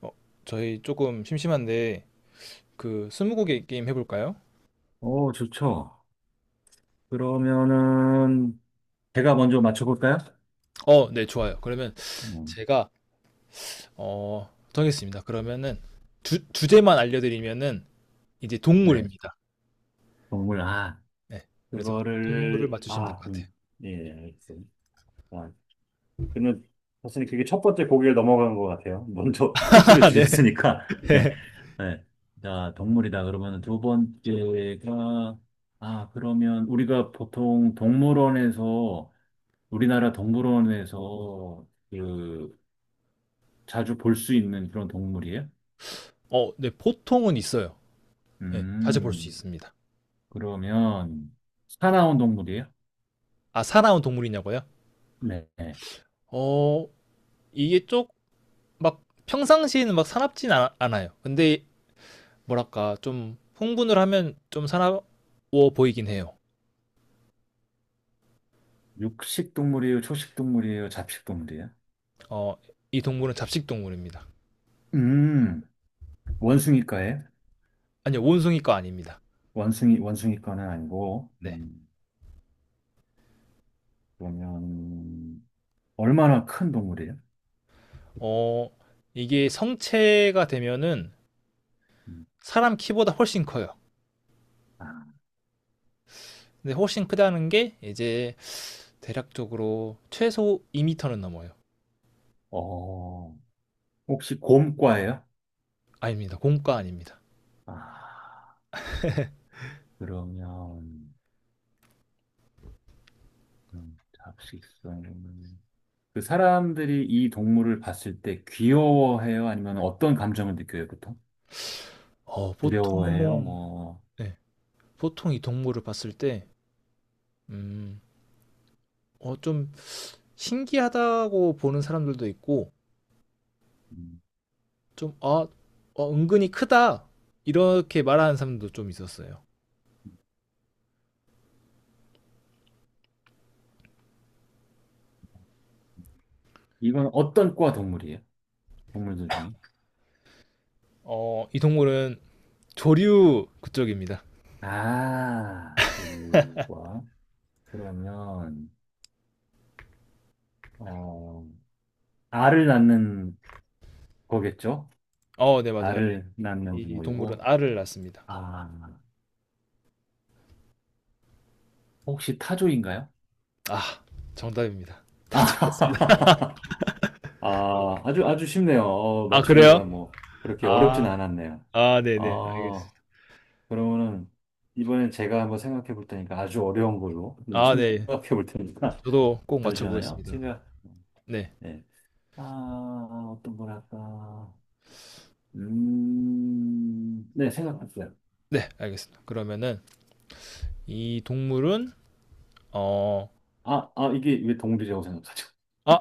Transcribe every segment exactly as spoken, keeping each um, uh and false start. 어, 저희 조금 심심한데 그 스무고개 게임 해볼까요? 오, 좋죠. 그러면은 제가 먼저 맞춰볼까요? 어, 네, 좋아요. 그러면 음, 제가 어, 정했습니다. 그러면은 주, 주제만 알려드리면은 이제 네. 동물입니다. 동물, 아, 네, 그래서 동물을 그거를, 맞추시면 될 아, 것 같아요. 음, 예, 예, 알겠습니다. 아, 그러면 사실 그게 첫 번째 고개를 넘어간 것 같아요. 먼저 힌트를 아, 네. 주셨으니까. 네. 네. 네. 자, 동물이다. 그러면 두 번째가, 아, 그러면 우리가 보통 동물원에서, 우리나라 동물원에서 그, 자주 볼 수 있는 그런 동물이에요? 어, 네, 보통은 있어요. 네, 자주 볼 수 음. 있습니다. 그러면 사나운 동물이에요? 아, 살아온 동물이냐고요? 네. 어, 이게 쪽막 평상시에는 막 사납진 않, 않아요. 근데 뭐랄까 좀 흥분을 하면 좀 사나워 보이긴 해요. 육식 동물이에요? 초식 동물이에요? 잡식 동물이에요? 어, 이 동물은 잡식 동물입니다. 음, 원숭이과예요? 아니요, 원숭이과 아닙니다. 원숭이, 원숭이과는 아니고, 네. 음, 그러면, 얼마나 큰 동물이에요? 어, 이게 성체가 되면은 음, 사람 키보다 훨씬 커요. 아, 근데 훨씬 크다는 게 이제 대략적으로 최소 이 미터는 넘어요. 어, 혹시 곰과예요? 아닙니다. 공과 아닙니다. 아, 그러면, 음, 잡식성은, 그 사람들이 이 동물을 봤을 때 귀여워해요? 아니면 어떤 감정을 느껴요, 보통? 어, 두려워해요? 보통, 뭐, 네, 보통 이 동물을 봤을 때, 음, 어, 좀 신기하다고 보는 사람들도 있고, 좀, 아, 어, 은근히 크다. 이렇게 말하는 사람도 좀 있었어요. 이건 어떤 과 동물이에요? 동물들 중에? 어, 이 동물은 조류 그쪽입니다. 아, 조류과. 그러면, 어, 알을 낳는 거겠죠? 어, 네, 맞아요. 알을 낳는 이 동물은 동물이고, 알을 낳습니다. 아, 혹시 타조인가요? 아, 정답입니다. 아, 다틀습니다. 아, 아주, 아주 쉽네요. 어, 아, 그래요? 맞추기가 뭐, 그렇게 어렵진 아, 않았네요. 아, 네네, 어, 알겠습니다. 그러면은, 이번엔 제가 한번 생각해 볼 테니까 아주 어려운 걸로 아, 네. 생각해 볼 테니까. 저도 꼭 잠시만요. 맞춰보겠습니다. 생각, 네, 네. 아, 어떤 거랄까. 음, 네, 생각났어요. 네, 알겠습니다. 그러면은 이 동물은 어, 아, 아, 이게 왜 동물이라고 생각하죠? 아,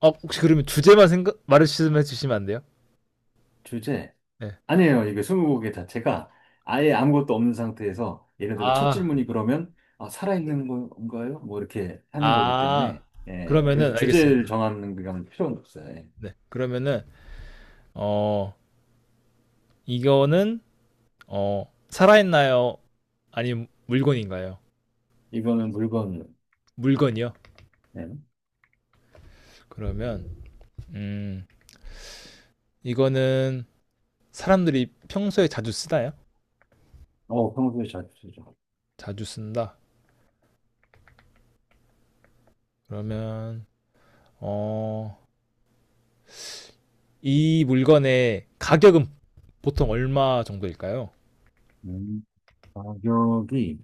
아, 혹시 그러면 주제만 생각 말씀해 주시면 안 돼요? 주제? 네. 아니에요. 이게 스무고개 자체가 아예 아무것도 없는 상태에서 예를 들어 첫 아, 질문이 그러면 아, 살아있는 건가요? 뭐 이렇게 하는 거기 아, 때문에 예, 그러면은 그래서 주제를 알겠습니다. 정하는 그런 필요는 없어요. 예. 네, 그러면은 어, 이거는 어, 살아있나요? 아니면 물건인가요? 이거는 물건, 물건이요. 예. 그러면 음, 이거는 사람들이 평소에 자주 쓰나요? 어, 평소에 잘 쓰죠. 자주 쓴다. 그러면 어, 이 물건의 가격은 보통 얼마 정도일까요? 음, 가격이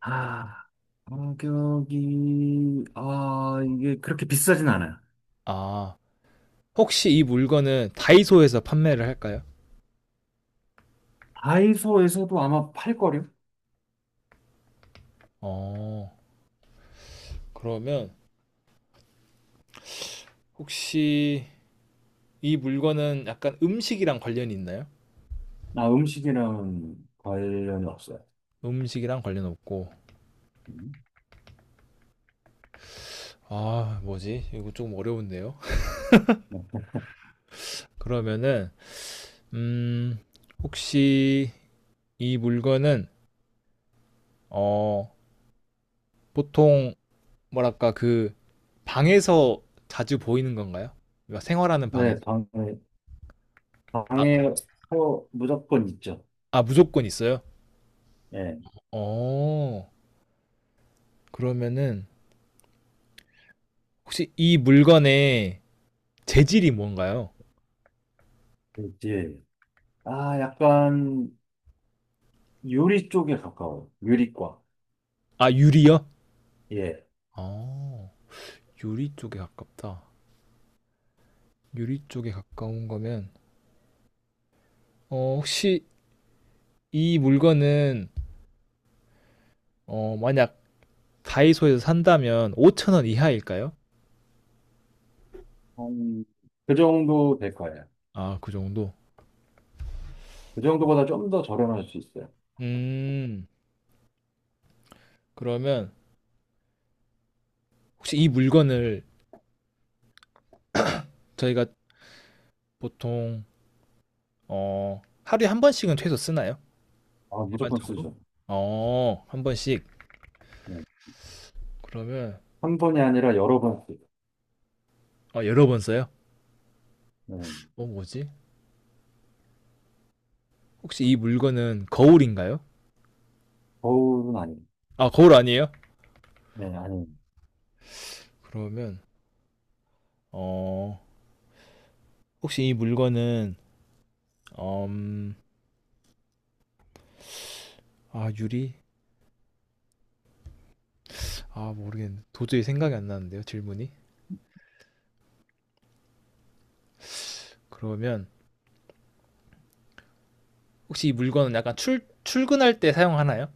아, 가격이, 아, 이게 그렇게 비싸진 않아요. 아, 혹시 이 물건은 다이소에서 판매를 할까요? 다이소에서도 아마 팔걸요? 어, 그러면 혹시 이 물건은 약간 음식이랑 관련이 있나요? 나 음식이랑 관련이 없어요. 음식이랑 관련 없고. 음, 아, 뭐지? 이거 조금 어려운데요. 네, 그러면은 음, 혹시 이 물건은 어, 보통 뭐랄까 그 방에서 자주 보이는 건가요? 우리가 생활하는 방에서. 네, 방에, 아, 방에 어, 무조건 있죠. 아, 무조건 있어요? 예, 어, 그러면은 혹시 이 물건의 재질이 뭔가요? 있지. 아, 약간 요리 쪽에 가까워요. 요리과. 아, 유리요? 예. 아... 유리 쪽에 가깝다. 유리 쪽에 가까운 거면 어, 혹시 이 물건은 어, 만약 다이소에서 산다면 오천 원 이하일까요? 한, 그 정도 될 거예요. 아, 그 정도? 그 정도보다 좀 더 저렴할 수 있어요. 음, 그러면 혹시 이 물건을 저희가 보통 어, 하루에 한 번씩은 최소 쓰나요? 아, 무조건 일반적으로? 쓰죠. 어, 한 번씩. 네. 그러면 한 번이 아니라 여러 번 쓰죠. 아, 여러 번 써요? 네. 어, 뭐지? 혹시 이 물건은 거울인가요? 거울은 아니고. 아, 거울 아니에요? 네, 아니, 그러면 어, 혹시 이 물건은 음, 아, 유리? 아, 모르겠는데. 도저히 생각이 안 나는데요, 질문이. 그러면 혹시 이 물건은 약간 출 출근할 때 사용하나요?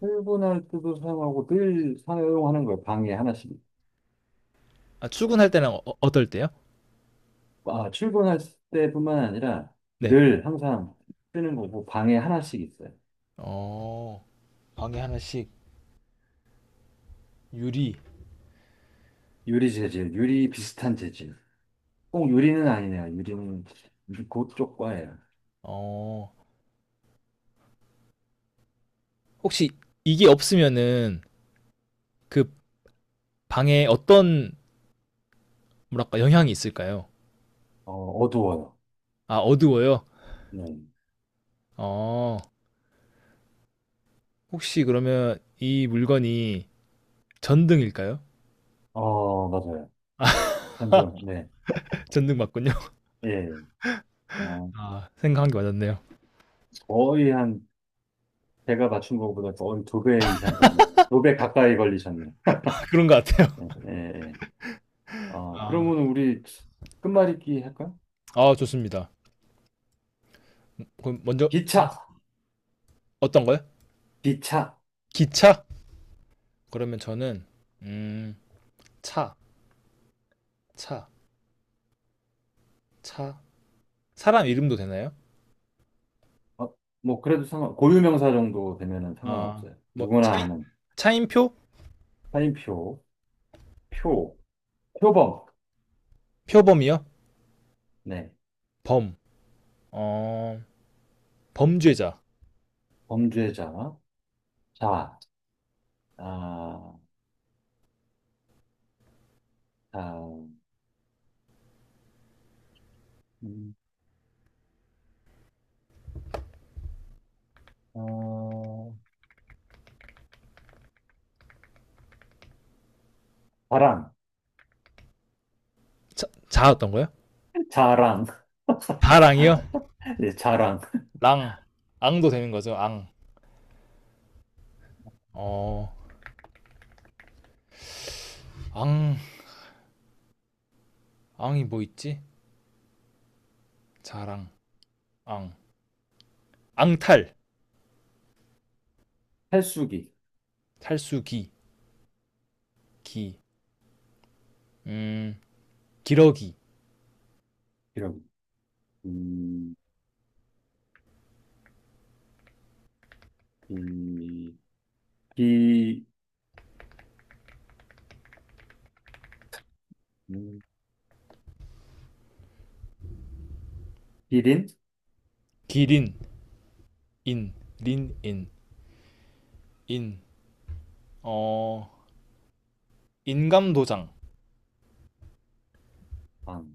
출근할 때도 사용하고 늘 사용하는 거예요. 방에 하나씩. 아, 출근할 때랑 어, 어떨 때요? 아, 출근할 때뿐만 아니라 네. 늘 항상 쓰는 거고 방에 하나씩 있어요. 어, 방에 하나씩 유리 유리 재질, 유리 비슷한 재질. 꼭 유리는 아니네요. 유리는 그쪽 과예요. 어, 혹시 이게 없으면은 그 방에 어떤 뭐랄까 영향이 있을까요? 어, 어두워요. 아, 어두워요? 네. 어, 혹시 그러면 이 물건이 전등일까요? 어, 맞아요. 한번, 네. 전등 맞군요. 예. 아, 아, 생각한 게 맞았네요. 거의 한, 제가 맞춘 거보다 거의 두 배 이상 걸리, 두배 가까이 걸리셨네요. 그런 것 같아요. 예, 예. 예. 아, 아, 그러면 우리 끝말잇기 할까요? 아, 좋습니다. 그럼 먼저 기차, 생각하시- 어떤 거요? 기차. 기차? 그러면 저는 음, 차, 차, 차. 사람 이름도 되나요? 어, 뭐 그래도 상관, 고유명사 정도 되면은 아, 상관없어요. 뭐 누구나 차인, 아는 차인표? 사인표, 표, 표범. 표범이요? 네, 범. 어, 범죄자. 범죄자, 자, 아, 자, 음, 어, 자랑, 자, 자 어떤거요? 자랑, 다랑이요? 예, 자랑, 랑 앙도 되는 거죠 앙 어, 앙, 앙이 뭐 있지? 자랑, 앙, 앙탈, 탈수기, 탈수기, 기, 음, 기러기, 이런, 음, 이, 기, 음, 기린, 기린, 인, 린, 인, 인, 어, 인감도장, 방,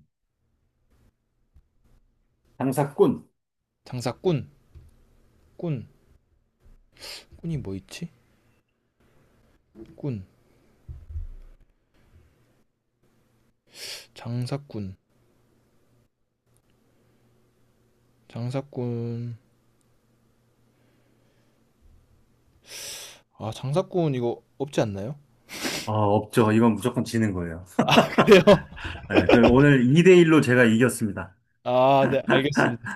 장사꾼. 장사꾼, 꾼, 꾼이 뭐 있지? 꾼, 장사꾼, 장사꾼, 아, 장사꾼 이거 없지 않나요? 아, 없죠. 이건 무조건 지는 거예요. 그래요? 네, 그 오늘 이 대일로 제가 이겼습니다. 아, 네, 알겠습니다.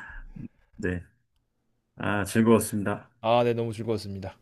네. 아, 즐거웠습니다. 아, 네, 너무 즐거웠습니다.